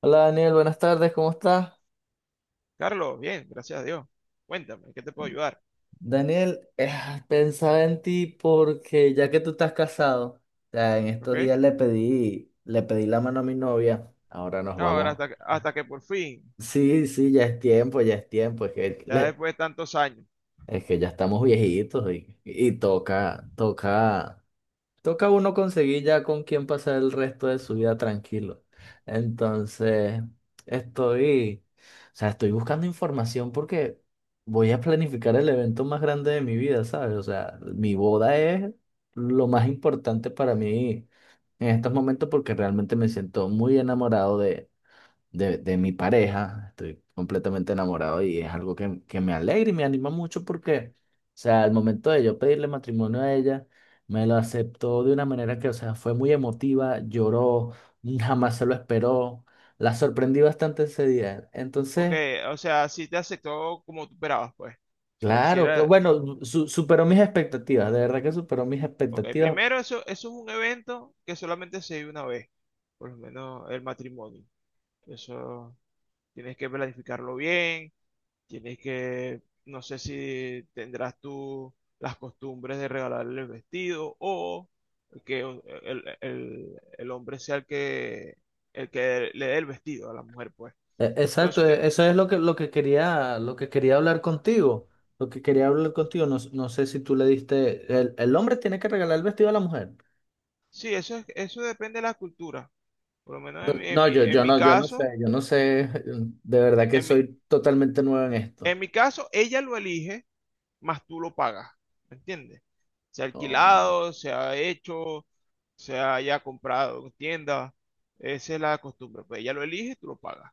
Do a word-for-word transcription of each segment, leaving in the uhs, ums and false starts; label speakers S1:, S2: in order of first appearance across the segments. S1: Hola Daniel, buenas tardes, ¿cómo estás?
S2: Carlos, bien, gracias a Dios. Cuéntame, ¿qué te puedo ayudar?
S1: Daniel, eh, pensaba en ti porque ya que tú estás casado, ya en
S2: ¿Ok?
S1: estos días le pedí, le pedí la mano a mi novia, ahora nos
S2: No, ahora,
S1: vamos.
S2: hasta, que- hasta que por fin,
S1: Sí, sí, ya es tiempo, ya es tiempo, es que,
S2: ya
S1: le-
S2: después de tantos años.
S1: es que ya estamos viejitos y, y toca, toca. Toca uno conseguir ya con quién pasar el resto de su vida tranquilo. Entonces, estoy, o sea, estoy buscando información porque voy a planificar el evento más grande de mi vida, ¿sabes? O sea, mi boda es lo más importante para mí en estos momentos porque realmente me siento muy enamorado de, de mi pareja, estoy completamente enamorado y es algo que, que me alegra y me anima mucho porque, o sea, al momento de yo pedirle matrimonio a ella, me lo aceptó de una manera que, o sea, fue muy emotiva, lloró, jamás se lo esperó, la sorprendí bastante ese día.
S2: Ok,
S1: Entonces,
S2: o sea, si te aceptó como tú esperabas, pues. O sea, si
S1: claro, claro,
S2: era...
S1: bueno, su- superó mis expectativas, de verdad que superó mis
S2: Ok,
S1: expectativas.
S2: primero, eso, eso es un evento que solamente se vive una vez. Por lo menos el matrimonio. Eso tienes que planificarlo bien. Tienes que, no sé si tendrás tú las costumbres de regalarle el vestido o que un- el, el- el hombre sea el que, el que le dé el vestido a la mujer, pues.
S1: E-
S2: Todo
S1: Exacto,
S2: eso tiene,
S1: e- eso es lo que, lo que quería, lo que quería hablar contigo. Lo que quería hablar contigo, no, s- no sé si tú le diste. El, el hombre tiene que regalar el vestido a la mujer.
S2: sí, eso es- eso depende de la cultura. Por lo menos
S1: No,
S2: en mi, en
S1: no, yo,
S2: mi, en
S1: yo
S2: mi
S1: no, yo no sé,
S2: caso,
S1: yo no sé. De verdad que
S2: en mi,
S1: soy totalmente nuevo en esto.
S2: en mi caso, ella lo elige, más tú lo pagas. ¿Me entiendes? Se ha
S1: Oh,
S2: alquilado, se ha hecho, se haya comprado en tienda. Esa es la costumbre. Pues ella lo elige y tú lo pagas.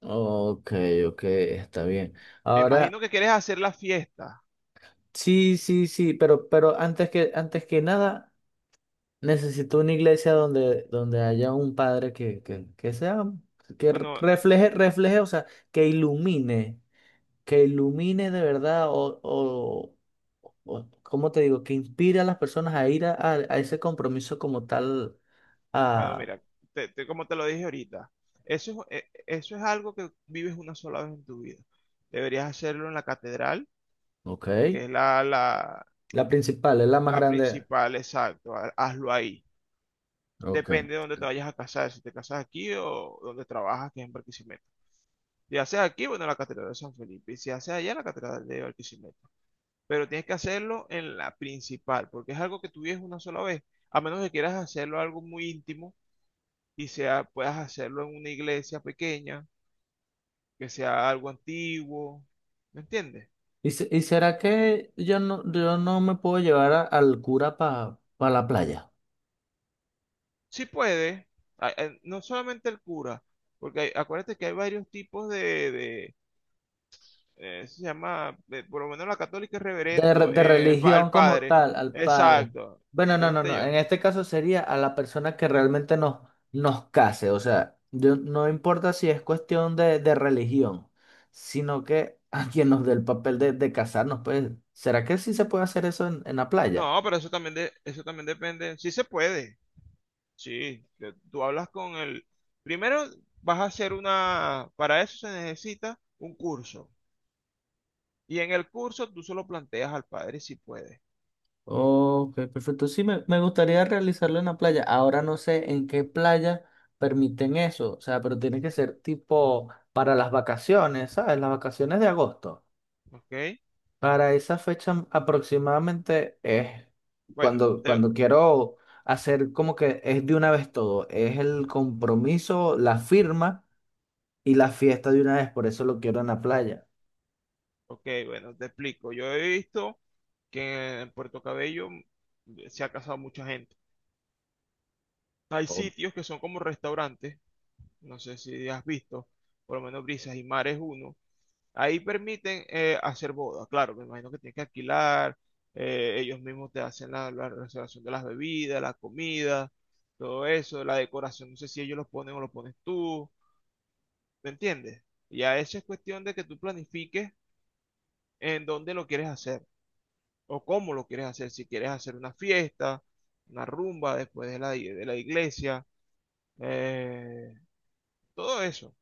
S1: ok, ok, está
S2: Ok.
S1: bien.
S2: Me
S1: Ahora,
S2: imagino que quieres hacer la fiesta.
S1: sí, sí, sí, pero, pero antes que, antes que nada, necesito una iglesia donde, donde haya un padre que, que, que sea, que
S2: Bueno,
S1: refleje, refleje, o sea, que ilumine. Que ilumine de verdad o, o, o, ¿cómo te digo? Que inspire a las personas a ir a, a- a ese compromiso como tal.
S2: bueno,
S1: A,
S2: mira, te- te- como te lo dije ahorita, eso, es- eh, eso es algo que vives una sola vez en tu vida. Deberías hacerlo en la catedral,
S1: ok.
S2: que es la, la,
S1: La principal, es la más
S2: la
S1: grande.
S2: principal, exacto. ha- Hazlo ahí.
S1: Ok.
S2: Depende de dónde te vayas a casar, si te casas aquí o donde trabajas, que es en Barquisimeto. Si haces aquí, bueno, en la Catedral de San Felipe. Y si haces allá, en la Catedral de Barquisimeto. Pero tienes que hacerlo en la principal, porque es algo que tú vives una sola vez. A menos que quieras hacerlo algo muy íntimo y sea, puedas hacerlo en una iglesia pequeña, que sea algo antiguo, ¿me entiendes?
S1: ¿Y, se- y será que yo no, yo no me puedo llevar a- al cura para la playa?
S2: Sí puede, a- a- no solamente el cura, porque hay- acuérdate que hay varios tipos de, de, eh, se llama, de- por lo menos la católica es
S1: De, re-
S2: reverendo,
S1: de
S2: eh, el, pa- el
S1: religión como
S2: padre,
S1: tal, al padre.
S2: exacto,
S1: Bueno, no,
S2: entonces
S1: no,
S2: te
S1: no. En
S2: llevan.
S1: este caso sería a la persona que realmente nos, nos case. O sea, yo- no importa si es cuestión de, de religión, sino que a quien nos dé el papel de, de casarnos, pues, ¿será que sí se puede hacer eso en, en la playa?
S2: No, pero eso también, de, eso también depende, sí se puede, sí, te- tú hablas con el, primero vas a hacer una, para eso se necesita un curso. Y en el curso tú solo planteas al padre si puedes,
S1: Ok, perfecto. Sí, me, me gustaría realizarlo en la playa. Ahora no sé en qué playa permiten eso. O sea, pero tiene que ser tipo para las vacaciones, ¿sabes? Las vacaciones de agosto.
S2: ¿ok?
S1: Para esa fecha aproximadamente es
S2: Bueno,
S1: cuando,
S2: te,
S1: cuando quiero hacer como que es de una vez todo, es el compromiso, la firma y la fiesta de una vez, por eso lo quiero en la playa.
S2: ok, bueno, te explico. Yo he visto que en Puerto Cabello mm, se ha casado mucha gente. Hay
S1: Oh,
S2: sitios que son como restaurantes, no sé si has visto, por lo menos Brisas y Mar es uno. Ahí permiten eh, hacer bodas, claro, me imagino que tienes que alquilar, eh, ellos mismos te hacen la, la reservación de las bebidas, la comida, todo eso, la decoración, no sé si ellos los ponen o lo pones tú. ¿Me entiendes? Ya eso es cuestión de que tú planifiques en dónde lo quieres hacer o cómo lo quieres hacer. Si quieres hacer una fiesta, una rumba después de la, i- de la iglesia, eh, todo eso,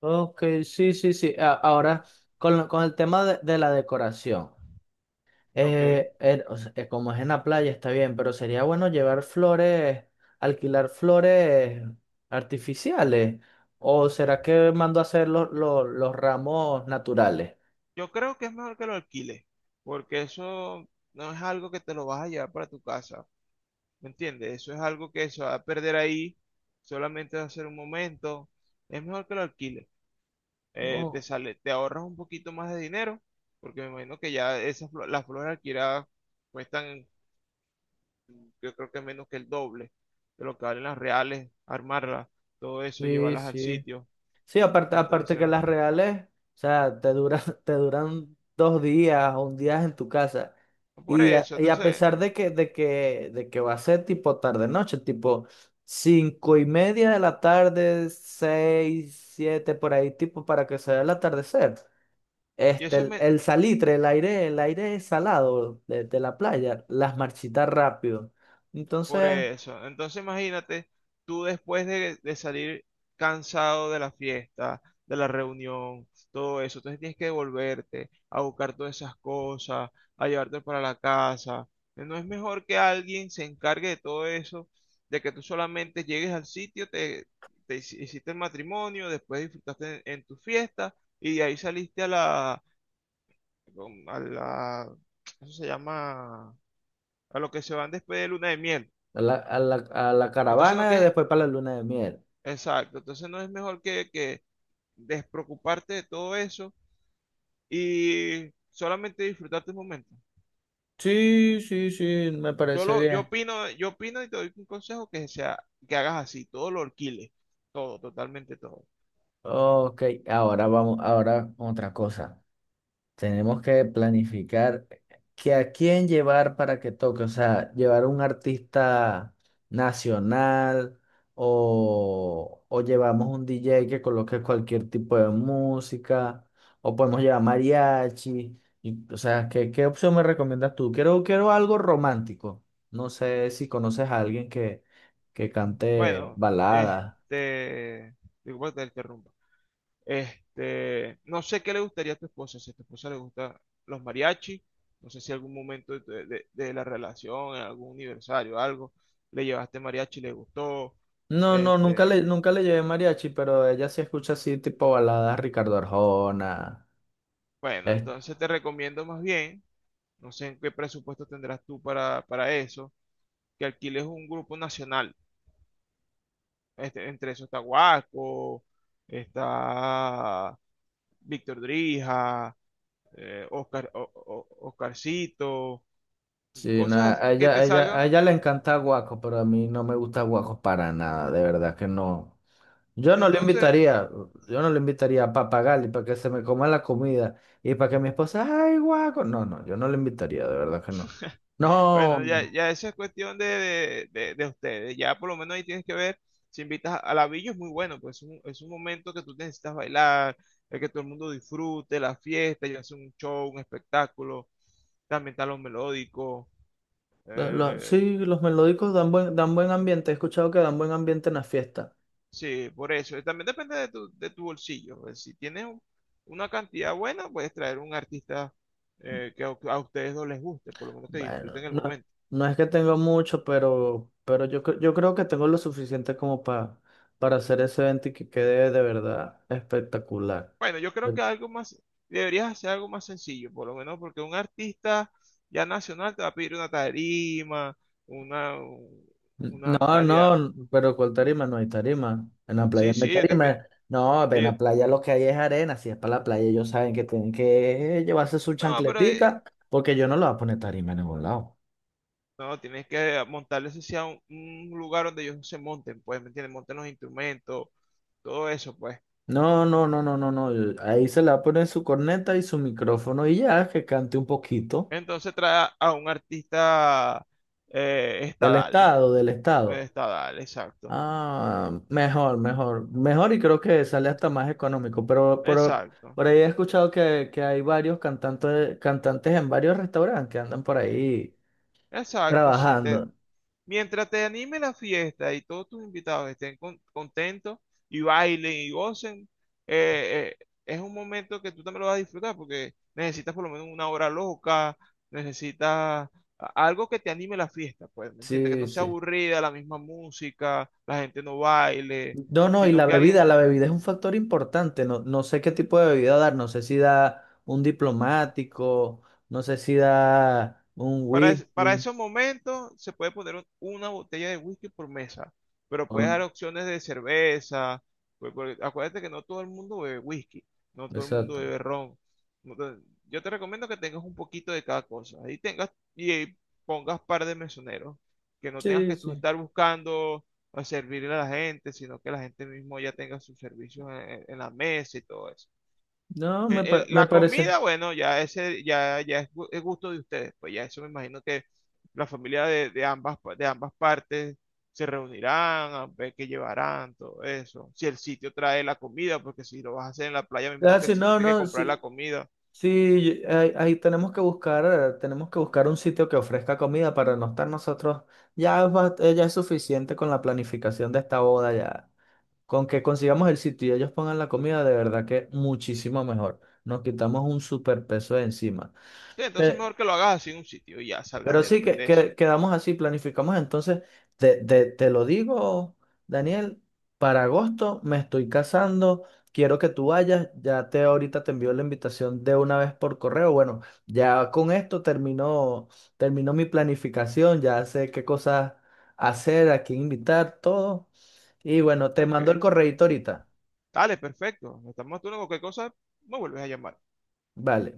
S1: ok, sí, sí, sí. A- Ahora, con, lo- con el tema de, de la decoración,
S2: ¿ok?
S1: eh, eh, o sea, eh, como es en la playa está bien, pero sería bueno llevar flores, alquilar flores artificiales, o será que mando a hacer los los- los ramos naturales.
S2: Yo creo que es mejor que lo alquiles, porque eso no es algo que te lo vas a llevar para tu casa, ¿me entiendes? Eso es algo que se va a perder ahí, solamente va a ser un momento. Es mejor que lo alquiles. Eh, te
S1: Oh,
S2: sale, te ahorras un poquito más de dinero, porque me imagino que ya esas, flo- las flores alquiladas cuestan, yo creo que menos que el doble de lo que valen las reales, armarlas, todo eso,
S1: sí,
S2: llevarlas al
S1: sí.
S2: sitio.
S1: Sí, aparte, aparte que
S2: Entonces,
S1: las reales, o sea, te duran, te duran dos días o un día en tu casa.
S2: por
S1: Y a,
S2: eso,
S1: y a
S2: entonces,
S1: pesar de que, de que, de que va a ser tipo tarde-noche, tipo cinco y media de la tarde, seis, siete, por ahí, tipo para que se vea el atardecer.
S2: y
S1: Este,
S2: eso,
S1: el, el salitre, el aire, el aire salado de, de la playa, las marchitas rápido.
S2: por
S1: Entonces,
S2: eso. Entonces imagínate, tú después de, de salir cansado de la fiesta, de la reunión, todo eso, entonces tienes que devolverte a buscar todas esas cosas, a llevarte para la casa. ¿No es mejor que alguien se encargue de todo eso, de que tú solamente llegues al sitio, te, te hici- hiciste el matrimonio, después disfrutaste en, en tu fiesta y de ahí saliste a la, mm, a la, eso se llama, a lo que se van después de luna de miel?
S1: a la, a la, a la
S2: Entonces no
S1: caravana,
S2: tienes,
S1: después para la luna de miel.
S2: exacto, entonces no es mejor que, que despreocuparte de todo eso y solamente disfrutar tus momentos.
S1: Sí, sí, sí, me
S2: Yo
S1: parece
S2: lo, yo
S1: bien.
S2: opino, yo opino y te doy un consejo que sea, que hagas así, todo lo alquiles, todo, totalmente todo.
S1: Ok, ahora vamos, ahora otra cosa. Tenemos que planificar que a quién llevar para que toque, o sea, llevar un artista nacional o, o llevamos un D J que coloque cualquier tipo de música o podemos llevar mariachi. Y, o sea, ¿qué, qué opción me recomiendas tú? Quiero, quiero algo romántico. No sé si conoces a alguien que, que cante
S2: Bueno,
S1: baladas.
S2: este, disculpa que te interrumpa. Este, no sé qué le gustaría a tu esposa, si a tu esposa le gustan los mariachis, no sé si algún momento de, de de la relación, en algún aniversario, algo, le llevaste mariachi y le gustó.
S1: No, no, nunca
S2: Este,
S1: le, nunca le llevé mariachi, pero ella sí escucha así tipo baladas Ricardo Arjona.
S2: bueno,
S1: Es,
S2: entonces te recomiendo más bien, no sé en qué presupuesto tendrás tú para, para eso, que alquiles un grupo nacional. Este, entre eso está Guaco, está Víctor Drija, eh, Oscar, O- O- Oscarcito,
S1: sí, no,
S2: cosas
S1: a
S2: que
S1: ella,
S2: te
S1: a ella, a
S2: salgan.
S1: ella le encanta Guaco, pero a mí no me gusta Guaco para nada, de verdad que no. Yo no le
S2: Entonces,
S1: invitaría, yo no le invitaría a Papagali para que se me coma la comida y para que mi esposa, ay, Guaco. No, no, yo no le invitaría, de verdad que no. No,
S2: bueno, ya, ya eso es cuestión de, de, de- de ustedes. Ya por lo menos ahí tienes que ver si invitas a la villa, es muy bueno, pues es un, es un momento que tú necesitas bailar, el que todo el mundo disfrute, la fiesta, ya sea un show, un espectáculo, también está lo melódico.
S1: lo- lo-
S2: Eh,
S1: sí, los melódicos dan buen, dan buen ambiente, he escuchado que dan buen ambiente en la fiesta.
S2: sí, por eso. Y también depende de tu, de tu bolsillo. Pues, si tienes un- una cantidad buena, puedes traer un artista eh, que a, a ustedes no les guste, por lo menos que
S1: Bueno,
S2: disfruten el
S1: no,
S2: momento.
S1: no es que tenga mucho, pero, pero yo, cre- yo creo que tengo lo suficiente como pa- para hacer ese evento y que quede de verdad espectacular.
S2: Bueno, yo creo
S1: Pero,
S2: que algo más, deberías hacer algo más sencillo, por lo menos porque un artista ya nacional te va a pedir una tarima, una, un- una
S1: no,
S2: calidad.
S1: no, pero ¿cuál tarima? No hay tarima. En la playa
S2: Sí,
S1: no hay
S2: sí, ellos te
S1: tarima.
S2: piden.
S1: No, en
S2: Ellos-
S1: la playa lo que hay es arena. Si es para la playa, ellos saben que tienen que llevarse su
S2: no, pero eh,
S1: chancletica, porque yo no le voy a poner tarima en ningún lado.
S2: no, tienes que montarles ese sea un, un lugar donde ellos se monten, pues, ¿me entiendes? Monten los instrumentos, todo eso, pues.
S1: No, no, no, no, no, no. Ahí se le va a poner su corneta y su micrófono y ya, que cante un poquito.
S2: Entonces trae a un artista eh,
S1: Del
S2: estadal,
S1: estado, del
S2: eh,
S1: estado.
S2: estadal, exacto,
S1: Ah, mejor, mejor. Mejor y creo que sale hasta más económico. Pero, pero
S2: exacto,
S1: por ahí he escuchado que, que hay varios cantantes, cantantes en varios restaurantes que andan por ahí
S2: exacto, sí, te,
S1: trabajando.
S2: mientras te anime la fiesta y todos tus invitados estén con- contentos y bailen y gocen, eh, eh, es un momento que tú también lo vas a disfrutar porque necesitas por lo menos una hora loca, necesitas a- algo que te anime la fiesta, pues, ¿me entiendes? Que
S1: Sí,
S2: no sea
S1: sí.
S2: aburrida, la misma música, la gente no baile,
S1: No, no, y
S2: sino
S1: la
S2: que
S1: bebida,
S2: alguien...
S1: la bebida es un factor importante. No, no sé qué tipo de bebida dar. No sé si da un diplomático, no sé si da un
S2: Para, es- para
S1: whisky.
S2: esos momentos se puede poner un- una botella de whisky por mesa, pero puedes
S1: Por,
S2: dar opciones de cerveza. Pues, porque acuérdate que no todo el mundo bebe whisky, no todo el mundo
S1: exacto.
S2: bebe ron. No to- Yo te recomiendo que tengas un poquito de cada cosa y tengas y eh, pongas par de mesoneros, que no tengas
S1: Sí,
S2: que tú
S1: sí.
S2: estar buscando a servirle a la gente, sino que la gente mismo ya tenga sus servicios en, en la mesa y todo eso.
S1: No,
S2: El-
S1: me, pa-
S2: el-
S1: me
S2: la
S1: parece.
S2: comida, bueno, ya ese, ya, ya es, gu- es gusto de ustedes. Pues ya eso me imagino que la familia de, de ambas, pa- de ambas partes se reunirán, a ver qué llevarán, todo eso. Si el sitio trae la comida, porque si lo vas a hacer en la playa, me imagino
S1: Ah,
S2: que el
S1: sí,
S2: sitio
S1: no,
S2: tiene que
S1: no,
S2: comprar la
S1: sí.
S2: comida.
S1: Sí, ahí, ahí tenemos que buscar, tenemos que buscar un sitio que ofrezca comida para no estar nosotros. Ya es, bast- eh, ya es suficiente con la planificación de esta boda ya. Con que consigamos el sitio y ellos pongan la comida, de verdad que muchísimo mejor. Nos quitamos un superpeso de encima.
S2: Sí, entonces mejor que lo hagas así en un sitio y ya salgas
S1: Pero
S2: de,
S1: sí, que,
S2: de eso.
S1: que- quedamos así, planificamos. Entonces, te, te- te lo digo, Daniel, para agosto me estoy casando, quiero que tú vayas, ya te ahorita te envío la invitación de una vez por correo. Bueno, ya con esto terminó, terminó mi planificación, ya sé qué cosas hacer, a quién invitar, todo. Y bueno, te mando el
S2: Ok.
S1: correíto ahorita.
S2: Dale, perfecto. Estamos tú en cualquier cosa, me vuelves a llamar.
S1: Vale.